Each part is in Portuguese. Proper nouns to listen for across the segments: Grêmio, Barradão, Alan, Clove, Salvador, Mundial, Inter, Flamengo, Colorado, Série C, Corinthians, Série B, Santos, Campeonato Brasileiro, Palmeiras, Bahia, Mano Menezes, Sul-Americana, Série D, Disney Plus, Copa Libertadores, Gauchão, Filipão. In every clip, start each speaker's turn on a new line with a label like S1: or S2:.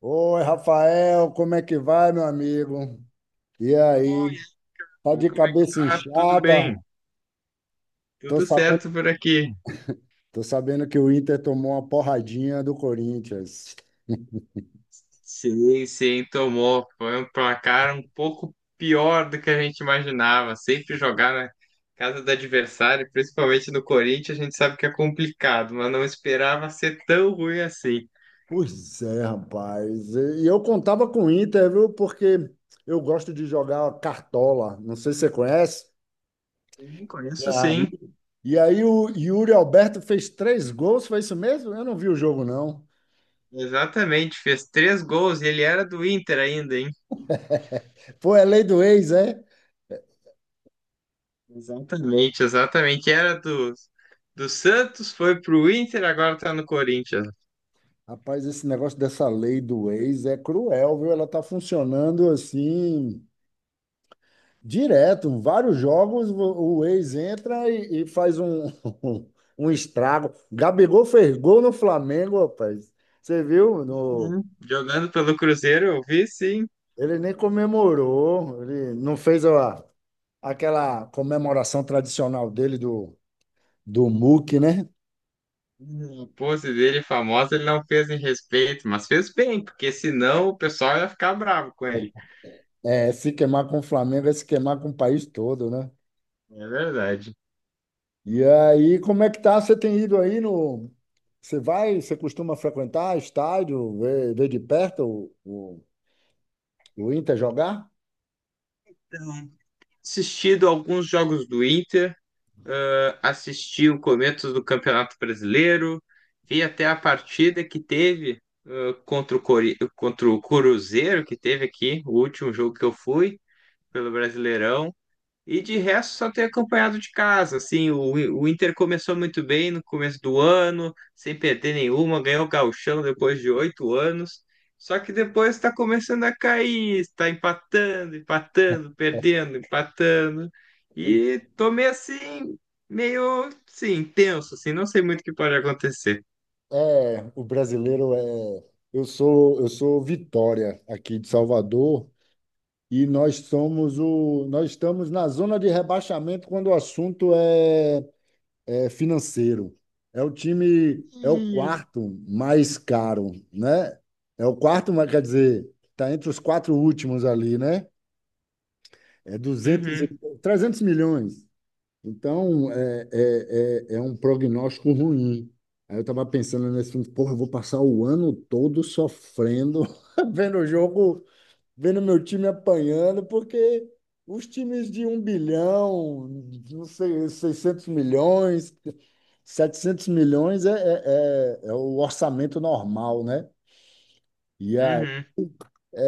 S1: Oi, Rafael, como é que vai, meu amigo? E aí?
S2: Oi,
S1: Tá
S2: Alan,
S1: de
S2: como é que
S1: cabeça
S2: tá? Tudo
S1: inchada?
S2: bem?
S1: Tô
S2: Tudo
S1: sabendo,
S2: certo por aqui.
S1: tô sabendo que o Inter tomou uma porradinha do Corinthians.
S2: Sim, sim, tomou. Foi um placar um pouco pior do que a gente imaginava. Sempre jogar na casa do adversário, principalmente no Corinthians, a gente sabe que é complicado, mas não esperava ser tão ruim assim.
S1: Pois é, rapaz. E eu contava com o Inter, viu? Porque eu gosto de jogar cartola. Não sei se você conhece.
S2: Sim,
S1: E
S2: conheço
S1: aí,
S2: sim.
S1: e aí o Yuri Alberto fez três gols, foi isso mesmo? Eu não vi o jogo, não.
S2: Exatamente, fez três gols e ele era do Inter ainda, hein?
S1: Pô, é lei do ex, é?
S2: Exatamente, exatamente. Era do Santos, foi pro Inter, agora tá no Corinthians.
S1: Rapaz, esse negócio dessa lei do ex é cruel, viu? Ela tá funcionando assim, direto. Vários jogos, o ex entra e faz um, um estrago. Gabigol fez gol no Flamengo, rapaz. Você viu?
S2: Uhum. Jogando pelo Cruzeiro, eu vi sim.
S1: Ele nem comemorou, ele não fez a, aquela comemoração tradicional dele do MUC, né?
S2: Uhum. A pose dele famosa, ele não fez em respeito, mas fez bem, porque senão o pessoal ia ficar bravo com ele.
S1: É, se queimar com o Flamengo é se queimar com o país todo, né?
S2: É verdade.
S1: E aí, como é que tá? Você tem ido aí no. Você vai, você costuma frequentar estádio, ver, ver de perto o Inter jogar?
S2: Então, assistido alguns jogos do Inter, assisti o começo do Campeonato Brasileiro, vi até a partida que teve contra o Cruzeiro, que teve aqui, o último jogo que eu fui pelo Brasileirão. E de resto, só ter acompanhado de casa. Assim, o Inter começou muito bem no começo do ano, sem perder nenhuma, ganhou o Gauchão depois de 8 anos. Só que depois está começando a cair, está empatando, empatando, perdendo, empatando. E tô meio assim, meio, sim, tenso, assim, não sei muito o que pode acontecer.
S1: É, o brasileiro é. Eu sou Vitória aqui de Salvador e nós somos nós estamos na zona de rebaixamento quando o assunto é, é financeiro. É o time, é o
S2: Ih,
S1: quarto mais caro, né? É o quarto, mas quer dizer, está entre os quatro últimos ali, né? É duzentos,
S2: uhum,
S1: 300 milhões. Então, é um prognóstico ruim. Aí eu estava pensando nesse filme, porra, eu vou passar o ano todo sofrendo, vendo o jogo, vendo meu time apanhando, porque os times de um bilhão, não sei, 600 milhões, 700 milhões é o orçamento normal, né? E
S2: uhum.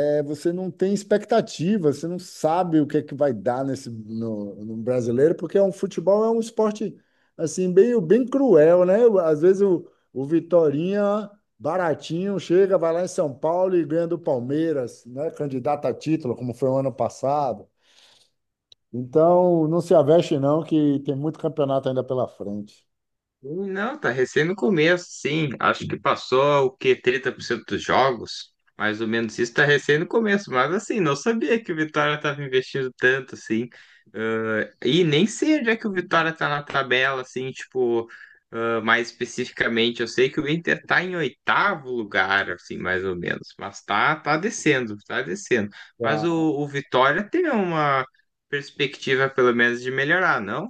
S1: é, você não tem expectativa, você não sabe o que é que vai dar nesse no brasileiro, porque é um futebol é um esporte assim bem cruel, né? Às vezes o Vitorinha baratinho chega, vai lá em São Paulo e ganha do Palmeiras, né? Candidato a título, como foi o ano passado. Então, não se aveste não, que tem muito campeonato ainda pela frente.
S2: Não, tá recém no começo, sim. Acho que passou o quê? 30% dos jogos? Mais ou menos isso, tá recém no começo. Mas assim, não sabia que o Vitória tava investindo tanto, assim. Ah, e nem sei onde é que o Vitória tá na tabela, assim, tipo, mais especificamente. Eu sei que o Inter tá em oitavo lugar, assim, mais ou menos. Mas tá, tá descendo, tá descendo. Mas o,
S1: Tá.
S2: o Vitória tem uma perspectiva, pelo menos, de melhorar, não?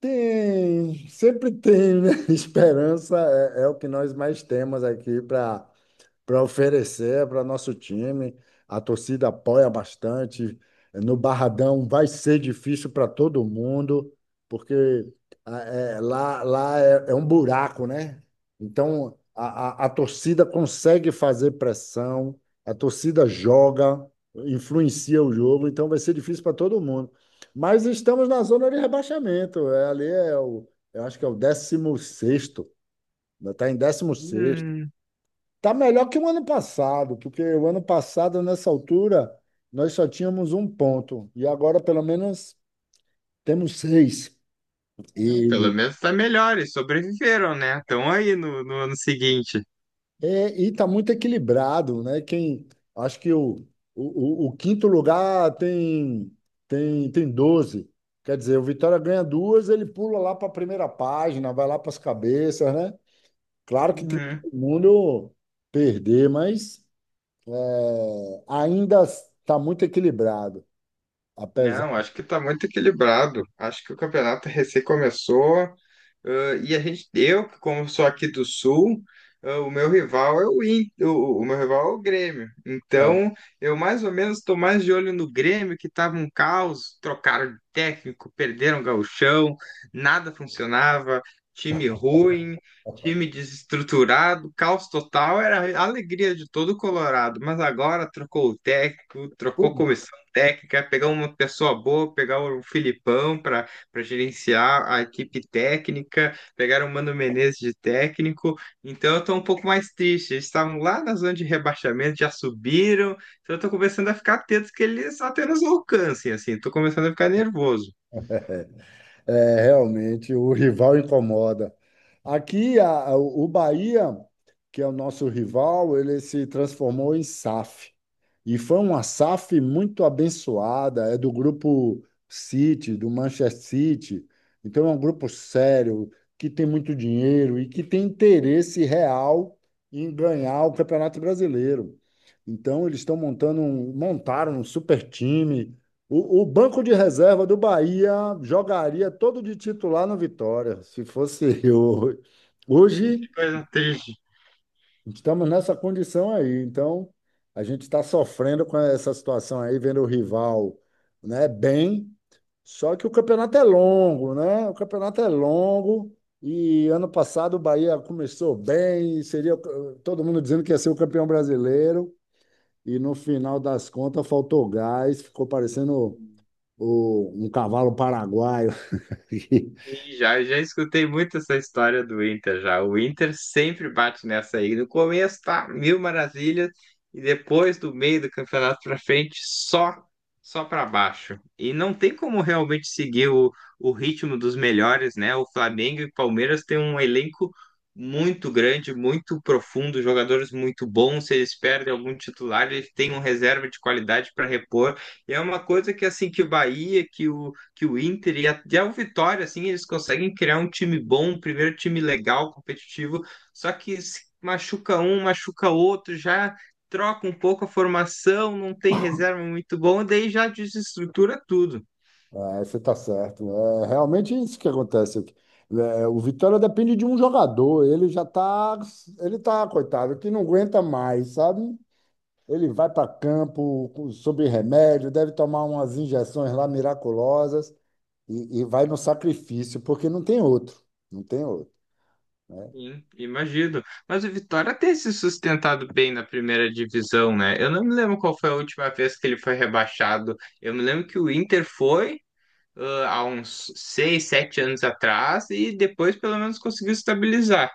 S1: Tem, sempre tem, né? Esperança é, é o que nós mais temos aqui para oferecer para nosso time. A torcida apoia bastante. No Barradão vai ser difícil para todo mundo, porque é, lá é, é um buraco, né? Então a torcida consegue fazer pressão, a torcida joga, influencia o jogo, então vai ser difícil para todo mundo. Mas estamos na zona de rebaixamento. É, ali é o, eu acho que é o décimo sexto, está em décimo sexto.
S2: Hum,
S1: Tá melhor que o ano passado, porque o ano passado, nessa altura, nós só tínhamos um ponto. E agora, pelo menos, temos seis.
S2: hum, pelo
S1: E
S2: menos tá melhor, e sobreviveram, né? Estão aí no, no ano seguinte.
S1: é, e tá muito equilibrado, né? Quem, acho que o quinto lugar tem, tem doze. Quer dizer, o Vitória ganha duas, ele pula lá para a primeira página, vai lá para as cabeças, né? Claro que tem
S2: Uhum.
S1: todo mundo perder, mas é, ainda está muito equilibrado, apesar.
S2: Não, acho que tá muito equilibrado. Acho que o campeonato recém começou. Ah, e a gente, eu, como sou aqui do Sul, ah, o meu rival é o Inter, o meu rival é o Grêmio.
S1: é,
S2: Então, eu mais ou menos estou mais de olho no Grêmio, que estava um caos, trocaram de técnico, perderam o gauchão, nada funcionava, time ruim, time desestruturado, caos total, era a alegria de todo o Colorado. Mas agora trocou o técnico, trocou comissão técnica, pegar uma pessoa boa, pegar o Filipão para gerenciar a equipe técnica, pegaram o Mano Menezes de técnico, então eu tô um pouco mais triste. Eles estavam lá na zona de rebaixamento, já subiram, então eu tô começando a ficar atento que eles apenas alcancem, assim, tô começando a ficar nervoso.
S1: É, realmente, o rival incomoda. Aqui, o Bahia, que é o nosso rival, ele se transformou em SAF. E foi uma SAF muito abençoada, é do grupo City, do Manchester City. Então é um grupo sério, que tem muito dinheiro e que tem interesse real em ganhar o Campeonato Brasileiro. Então eles estão montando um, montaram um super time. O banco de reserva do Bahia jogaria todo de titular no Vitória, se fosse eu. Hoje
S2: Que coisa triste.
S1: estamos nessa condição aí. Então, a gente está sofrendo com essa situação aí, vendo o rival, né, bem. Só que o campeonato é longo, né? O campeonato é longo. E ano passado o Bahia começou bem, seria todo mundo dizendo que ia ser o campeão brasileiro. E no final das contas faltou gás, ficou parecendo um cavalo paraguaio.
S2: Sim, já escutei muito essa história do Inter já. O Inter sempre bate nessa aí. No começo tá mil maravilhas e depois do meio do campeonato pra frente só para baixo. E não tem como realmente seguir o ritmo dos melhores, né? O Flamengo e Palmeiras têm um elenco muito grande, muito profundo, jogadores muito bons. Se eles perdem algum titular, eles têm um reserva de qualidade para repor. E é uma coisa que assim que o Bahia, que o Inter e até o Vitória, assim, eles conseguem criar um time bom, um primeiro time legal, competitivo, só que se machuca um, machuca outro, já troca um pouco a formação, não tem reserva muito bom, daí já desestrutura tudo.
S1: É, você está certo, né? É realmente isso que acontece. É, é, o Vitória depende de um jogador. Ele já está, ele tá, coitado, que não aguenta mais, sabe? Ele vai para campo com- sob remédio, deve tomar umas injeções lá miraculosas e vai no sacrifício, porque não tem outro. Não tem outro.
S2: Sim, imagino. Mas o Vitória tem se sustentado bem na primeira divisão, né? Eu não me lembro qual foi a última vez que ele foi rebaixado. Eu me lembro que o Inter foi há uns 6, 7 anos atrás e depois pelo menos conseguiu estabilizar.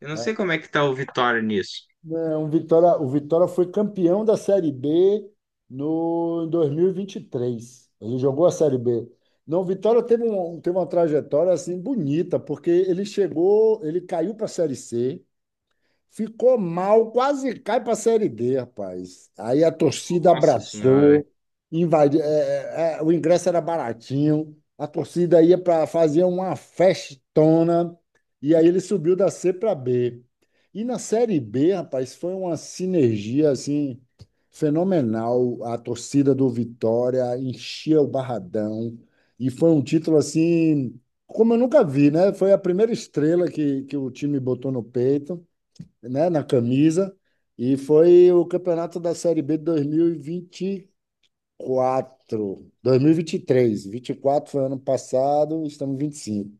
S2: Eu não sei como é que tá o Vitória nisso.
S1: Não, o Vitória foi campeão da Série B no, em 2023. Ele jogou a Série B. Não, o Vitória teve, um, teve uma trajetória assim bonita, porque ele chegou, ele caiu para a Série C. Ficou mal, quase cai para a Série D, rapaz. Aí a torcida
S2: Nossa senhora,
S1: abraçou, invadiu, é, o ingresso era baratinho, a torcida ia para fazer uma festona, e aí ele subiu da C para B. E na Série B, rapaz, foi uma sinergia assim fenomenal. A torcida do Vitória enchia o Barradão e foi um título assim como eu nunca vi, né? Foi a primeira estrela que o time botou no peito, né, na camisa. E foi o campeonato da Série B de 2024. 2023. 24 foi ano passado, estamos em 25.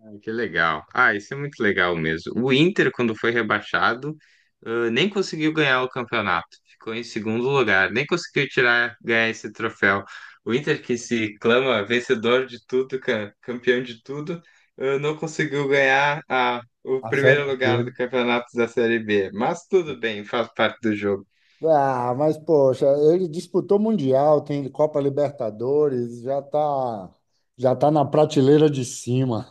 S2: ai, que legal. Ah, isso é muito legal mesmo. O Inter, quando foi rebaixado, nem conseguiu ganhar o campeonato. Ficou em segundo lugar, nem conseguiu tirar, ganhar esse troféu. O Inter, que se clama vencedor de tudo, campeão de tudo, não conseguiu ganhar a o
S1: A Série
S2: primeiro lugar
S1: B.
S2: do campeonato da Série B. Mas tudo bem, faz parte do jogo.
S1: Ah, mas poxa, ele disputou Mundial, tem Copa Libertadores, já tá na prateleira de cima.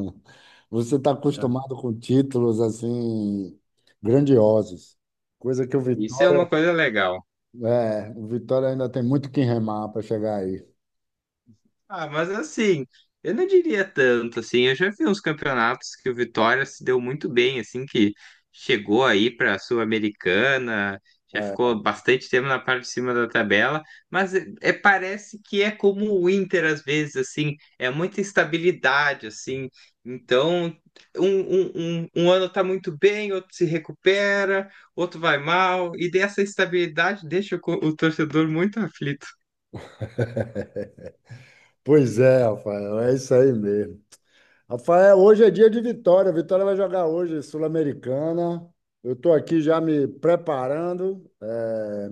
S1: Você está acostumado com títulos assim grandiosos, coisa que o
S2: É, isso é
S1: Vitória,
S2: uma coisa legal.
S1: é, o Vitória ainda tem muito que remar para chegar aí.
S2: Ah, mas assim, eu não diria tanto, assim, eu já vi uns campeonatos que o Vitória se deu muito bem, assim, que chegou aí para a Sul-Americana, já
S1: É.
S2: ficou bastante tempo na parte de cima da tabela, mas é, é- parece que é como o Inter às vezes, assim, é muita instabilidade, assim, então um ano tá muito bem, outro se recupera, outro vai mal, e dessa instabilidade deixa o torcedor muito aflito.
S1: Pois é, Rafael, é isso aí mesmo. Rafael, hoje é dia de Vitória. Vitória vai jogar hoje, Sul-Americana. Eu estou aqui já me preparando, é,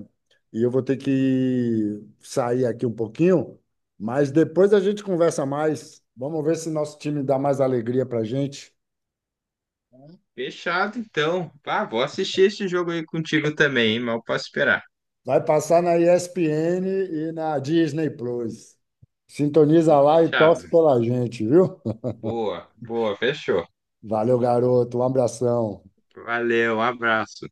S1: e eu vou ter que sair aqui um pouquinho, mas depois a gente conversa mais. Vamos ver se nosso time dá mais alegria para gente.
S2: Fechado, então. Ah, vou assistir esse jogo aí contigo também, hein? Mal posso esperar.
S1: Vai passar na ESPN e na Disney Plus. Sintoniza lá e
S2: Fechado.
S1: torce pela gente, viu?
S2: Boa, boa, fechou.
S1: Valeu, garoto. Um abração.
S2: Valeu, um abraço.